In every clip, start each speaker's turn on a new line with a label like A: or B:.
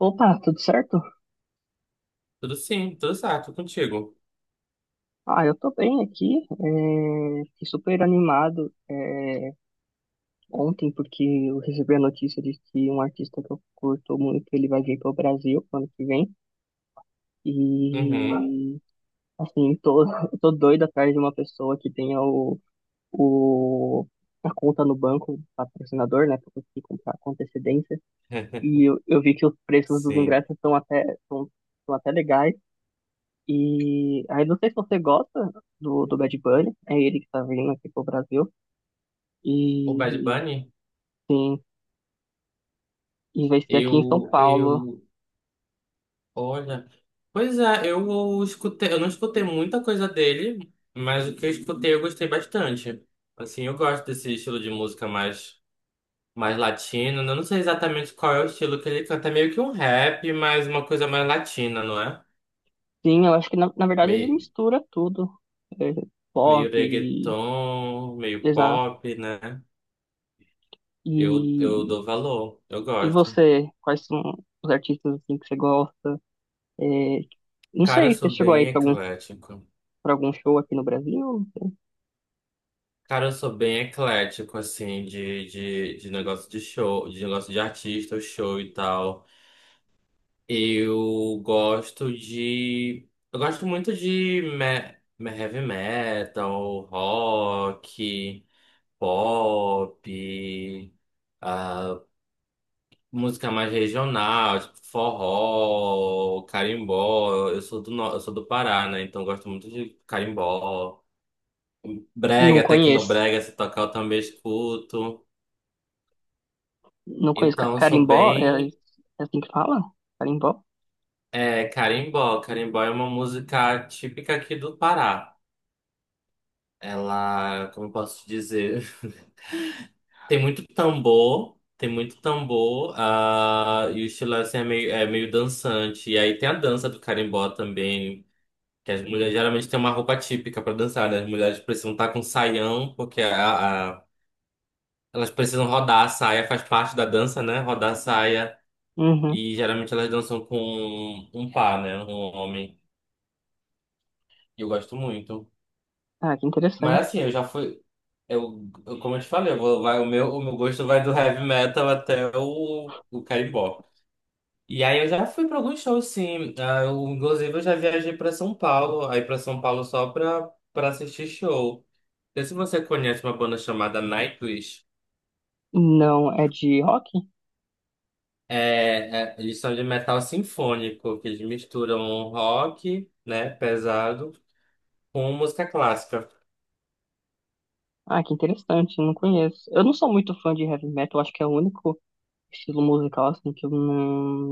A: Opa, tudo certo?
B: Tudo sim, tudo certo, contigo.
A: Ah, eu tô bem aqui. Fiquei super animado ontem porque eu recebi a notícia de que um artista que eu curto muito, ele vai vir pro Brasil ano que vem. E
B: Uhum.
A: assim, eu tô doido atrás de uma pessoa que tenha o a conta no banco, patrocinador, né, pra conseguir comprar com antecedência. E eu vi que os preços dos
B: Sim.
A: ingressos estão até legais. E aí não sei se você gosta do Bad Bunny, é ele que tá vindo aqui pro Brasil.
B: O Bad
A: E
B: Bunny,
A: sim, e vai ser aqui em São
B: eu,
A: Paulo.
B: eu, olha, pois é, eu escutei, eu não escutei muita coisa dele, mas o que eu escutei eu gostei bastante. Assim, eu gosto desse estilo de música mais latino. Eu não sei exatamente qual é o estilo que ele canta, é meio que um rap, mas uma coisa mais latina, não é?
A: Sim, eu acho que na verdade ele
B: Meio,
A: mistura tudo. É,
B: meio
A: pop,
B: reggaeton, meio
A: exato.
B: pop, né? Eu
A: E,
B: dou valor, eu
A: e
B: gosto.
A: você, quais são os artistas assim, que você gosta? É, não
B: Cara, eu
A: sei, você
B: sou
A: chegou
B: bem
A: aí pra algum,
B: eclético.
A: pra algum show aqui no Brasil?
B: Cara, eu sou bem eclético, assim, de negócio de show, de negócio de artista, show e tal. Eu gosto de. Eu gosto muito de heavy metal, rock, pop, ah, música mais regional, tipo forró, carimbó. Eu sou do, no- eu sou do Pará, né? Então eu gosto muito de carimbó.
A: Não
B: Brega,
A: conheço.
B: tecnobrega, se tocar eu também escuto.
A: Não conheço.
B: Então, eu sou
A: Carimbó, é,
B: bem
A: é assim que fala? Carimbó?
B: carimbó. Carimbó é uma música típica aqui do Pará. Ela, como eu posso dizer, tem muito tambor, e o estilo assim, é meio dançante. E aí tem a dança do carimbó também, que as mulheres geralmente têm uma roupa típica para dançar, né? As mulheres precisam estar com saião, porque elas precisam rodar a saia, faz parte da dança, né? Rodar a saia.
A: Uhum.
B: E geralmente elas dançam com um par, né? Um homem. E eu gosto muito.
A: Ah, que interessante.
B: Mas assim, eu já fui. Como eu te falei, o meu gosto vai do heavy metal até o carimbó. E aí eu já fui pra alguns shows, sim. Ah, eu, inclusive, eu já viajei pra São Paulo. Aí pra São Paulo só pra assistir show. Não sei se você conhece uma banda chamada Nightwish.
A: Não, é de rock?
B: Eles são de metal sinfônico, que eles misturam rock, né, pesado, com música clássica.
A: Ah, que interessante, não conheço. Eu não sou muito fã de heavy metal, acho que é o único estilo musical assim que eu não,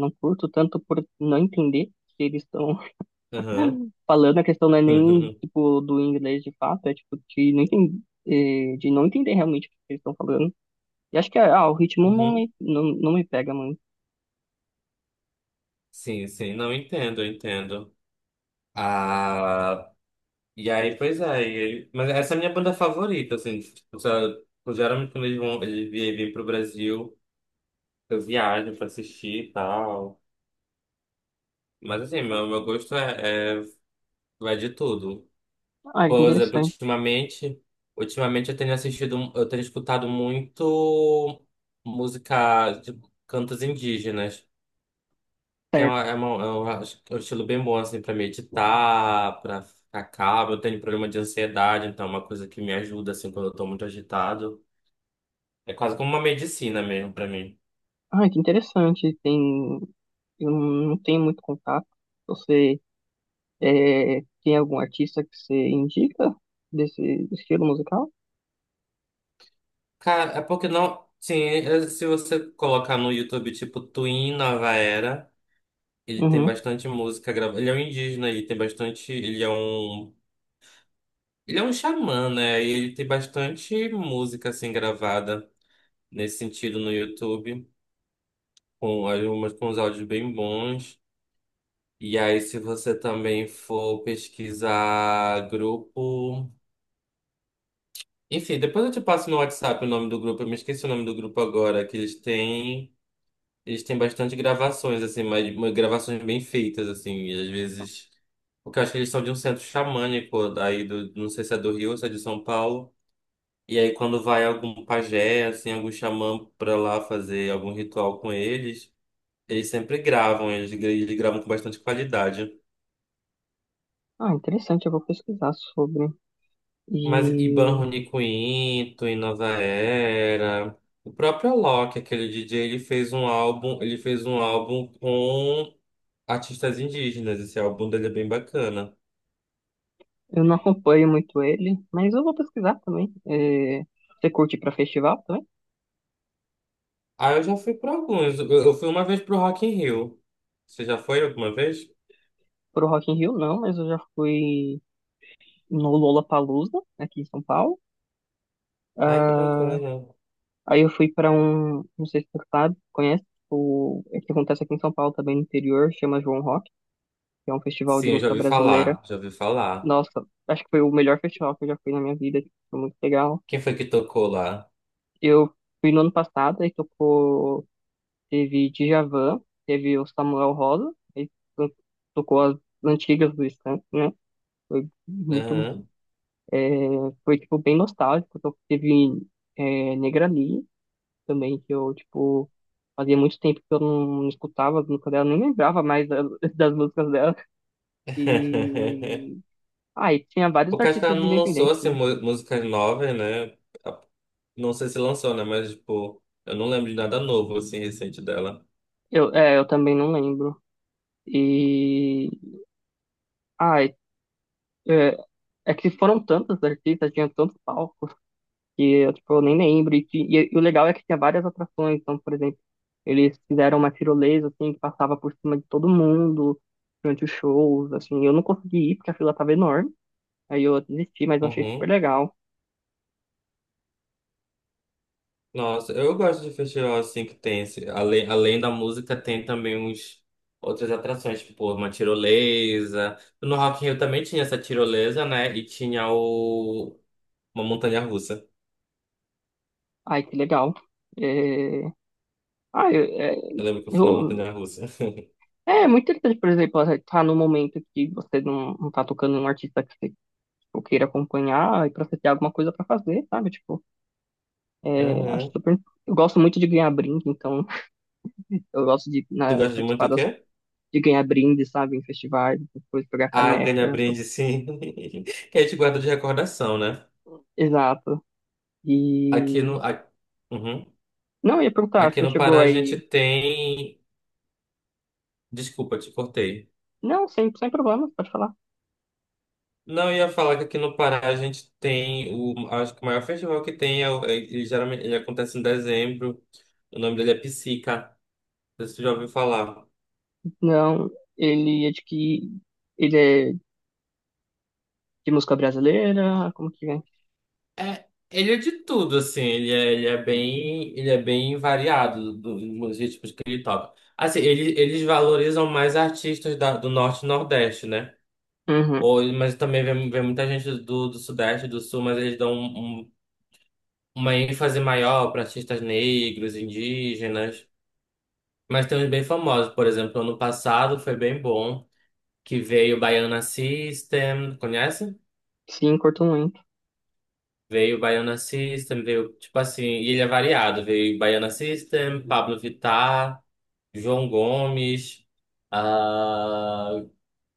A: não curto tanto por não entender o que eles estão
B: Aham,
A: falando. A questão não é nem
B: uhum,
A: tipo do inglês de fato, é tipo de não entender realmente o que eles estão falando. E acho que o ritmo não
B: uhum.
A: me, não, não me pega muito.
B: Sim, sim, não entendo, eu entendo. Ah, e aí, pois é, mas essa é a minha banda favorita, assim, tipo, se eu- geralmente quando eles vão, eles vêm pro Brasil, eu viajo pra assistir e tal. Mas assim, meu gosto é, vai de tudo.
A: Ah, que
B: Por exemplo,
A: interessante.
B: ultimamente eu tenho assistido, eu tenho escutado muito música, tipo, cantos indígenas. Que é, uma, é, uma- é um estilo bem bom, assim, pra meditar, pra ficar calmo. Eu tenho problema de ansiedade, então é uma coisa que me ajuda, assim, quando eu tô muito agitado. É quase como uma medicina mesmo pra mim.
A: Ah, que interessante. Eu não tenho muito contato. Você tem algum artista que você indica desse estilo musical?
B: Cara, é porque não. Sim, é- se você colocar no YouTube, tipo, Twin Nova Era, ele tem
A: Uhum.
B: bastante música gravada. Ele é um indígena e tem bastante. Ele é um. Ele é um xamã, né? E ele tem bastante música, assim, gravada nesse sentido no YouTube. Com, algumas, com os áudios bem bons. E aí, se você também for pesquisar grupo. Enfim, depois eu te passo no WhatsApp o nome do grupo. Eu me esqueci o nome do grupo agora, que eles têm. Eles têm bastante gravações, assim, mas gravações bem feitas, assim. E às vezes. Porque eu acho que eles são de um centro xamânico, daí do, não sei se é do Rio ou se é de São Paulo. E aí, quando vai algum pajé, assim, algum xamã pra lá fazer algum ritual com eles, eles sempre gravam, eles gravam com bastante qualidade.
A: Ah, interessante. Eu vou pesquisar sobre.
B: Mas Iban
A: E
B: Rony Quinto, e Nova Era. O próprio Alok, aquele DJ, ele fez um álbum, ele fez um álbum com artistas indígenas. Esse álbum dele é bem bacana.
A: eu não acompanho muito ele, mas eu vou pesquisar também. Você curte para festival também?
B: Ah, eu já fui para alguns. Eu fui uma vez pro Rock in Rio. Você já foi alguma vez?
A: Pro Rock in Rio não, mas eu já fui no Lollapalooza aqui em São Paulo.
B: Ai, que
A: Ah,
B: bacana.
A: aí eu fui pra um, não sei se você sabe, conhece, é que acontece aqui em São Paulo, também no interior, chama João Rock, que é um festival
B: Sim,
A: de
B: eu já
A: música
B: ouvi
A: brasileira.
B: falar, já ouvi falar.
A: Nossa, acho que foi o melhor festival que eu já fui na minha vida, tipo, foi muito legal.
B: Quem foi que tocou lá?
A: Eu fui no ano passado, aí tocou, teve Djavan, teve o Samuel Rosa, aí to- tocou as antigas do Skank, né? Foi muito,
B: Aham.
A: é, foi, tipo, bem nostálgico, teve Negra Lee, também, que eu, tipo, fazia muito tempo que eu não escutava as músicas dela, nem lembrava mais das músicas dela. E. Ah, e tinha vários
B: O Cascão
A: artistas
B: não lançou
A: independentes,
B: assim,
A: né?
B: mu- músicas novas, né? Não sei se lançou, né? Mas, tipo, eu não lembro de nada novo, assim, recente dela.
A: Eu também não lembro. E. Ah, é que foram tantos artistas, tinha tantos palcos, que eu, tipo, eu nem lembro. E o legal é que tinha várias atrações, então, por exemplo. Eles fizeram uma tirolesa, assim, que passava por cima de todo mundo durante os shows, assim. Eu não consegui ir porque a fila tava enorme. Aí eu desisti, mas eu achei super
B: Uhum.
A: legal.
B: Nossa, eu gosto de festival, assim, que tem esse... além da música, tem também uns... Outras atrações, tipo, uma tirolesa. No Rock in Rio também tinha essa tirolesa, né? E tinha o... Uma montanha-russa.
A: Ai, que legal. É... Ah,
B: Eu lembro que eu fui na
A: eu-
B: montanha-russa.
A: é muito interessante, por exemplo, você tá num momento que você não, tá tocando um artista que você tipo, queira acompanhar e pra você ter alguma coisa pra fazer, sabe? Tipo, acho
B: Uhum.
A: super. Eu gosto muito de ganhar brinde, então eu gosto de
B: Tu gosta de muito
A: participar
B: o quê?
A: de ganhar brinde, sabe? Em festivais, depois pegar
B: Ah,
A: caneca.
B: ganha brinde, sim. Que a gente guarda de recordação, né?
A: Exato.
B: Aqui no...
A: E...
B: a- Uhum.
A: Não, eu ia perguntar,
B: Aqui
A: você
B: no
A: chegou
B: Pará a gente
A: aí.
B: tem desculpa, te cortei.
A: Não, sem problema, pode falar.
B: Não, eu ia falar que aqui no Pará a gente tem o, acho que o maior festival que tem, é, ele geralmente ele acontece em dezembro. O nome dele é Psica. Não sei se você já ouviu falar.
A: Não, ele é de que? Ele é de música brasileira? Como que é?
B: É, ele é de tudo, assim, ele é bem variado dos ritmos que ele toca. Assim, ele, eles valorizam mais artistas do norte e nordeste, né?
A: Uhum.
B: Ou, mas também vem, vem muita gente do, do sudeste, do sul, mas eles dão uma ênfase maior para artistas negros, indígenas. Mas tem uns bem famosos, por exemplo, ano passado foi bem bom, que veio o Baiana System, conhece?
A: Sim, curto muito.
B: Veio o Baiana System, veio, tipo assim, e ele é variado, veio Baiana System, Pablo Vittar, João Gomes, ah,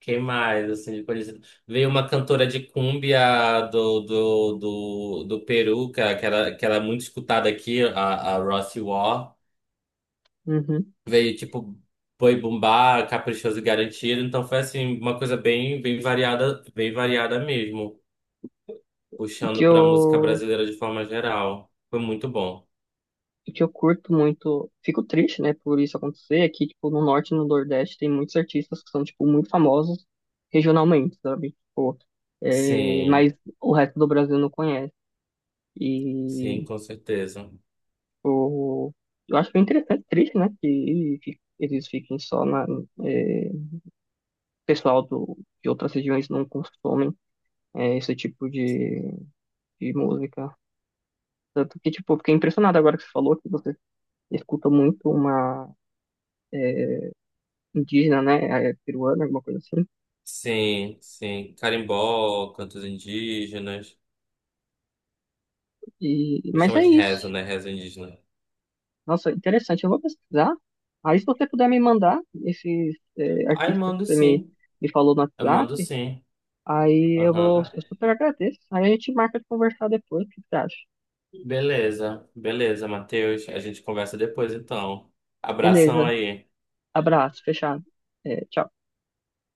B: quem mais, assim, de conhecido? Veio uma cantora de cumbia do Peru, que era, que era muito escutada aqui, a Rossi War.
A: Uhum.
B: Veio tipo Boi Bumbá, Caprichoso e Garantido, então foi assim uma coisa bem variada, bem variada mesmo,
A: E que
B: puxando para música
A: eu.
B: brasileira de forma geral. Foi muito bom.
A: E que eu curto muito. Fico triste, né, por isso acontecer. É que, tipo, no norte e no nordeste tem muitos artistas que são, tipo, muito famosos regionalmente, sabe? Tipo,
B: Sim,
A: mas o resto do Brasil não conhece. E,
B: sim, com certeza.
A: tipo, eu acho bem interessante, triste, né, que eles fiquem só. Na. é, Pessoal de outras regiões não consomem. Esse tipo de música. Tanto que, tipo, fiquei impressionado agora que você falou que você escuta muito uma é, indígena, né? Peruana, alguma coisa assim.
B: Sim, sim. Carimbó, cantos indígenas. Me
A: Mas
B: chama
A: é
B: de rezo,
A: isso.
B: né? Rezo indígena.
A: Nossa, interessante. Eu vou pesquisar. Aí, se você puder me mandar esses
B: Ah, eu
A: artistas que
B: mando
A: você me,
B: sim.
A: me falou no
B: Eu mando
A: WhatsApp,
B: sim.
A: aí
B: Aham.
A: eu super agradeço. Aí a gente marca de conversar depois, o que você acha?
B: Beleza, beleza, Matheus. A gente conversa depois, então.
A: Beleza.
B: Abração aí.
A: Abraço, fechado. Tchau.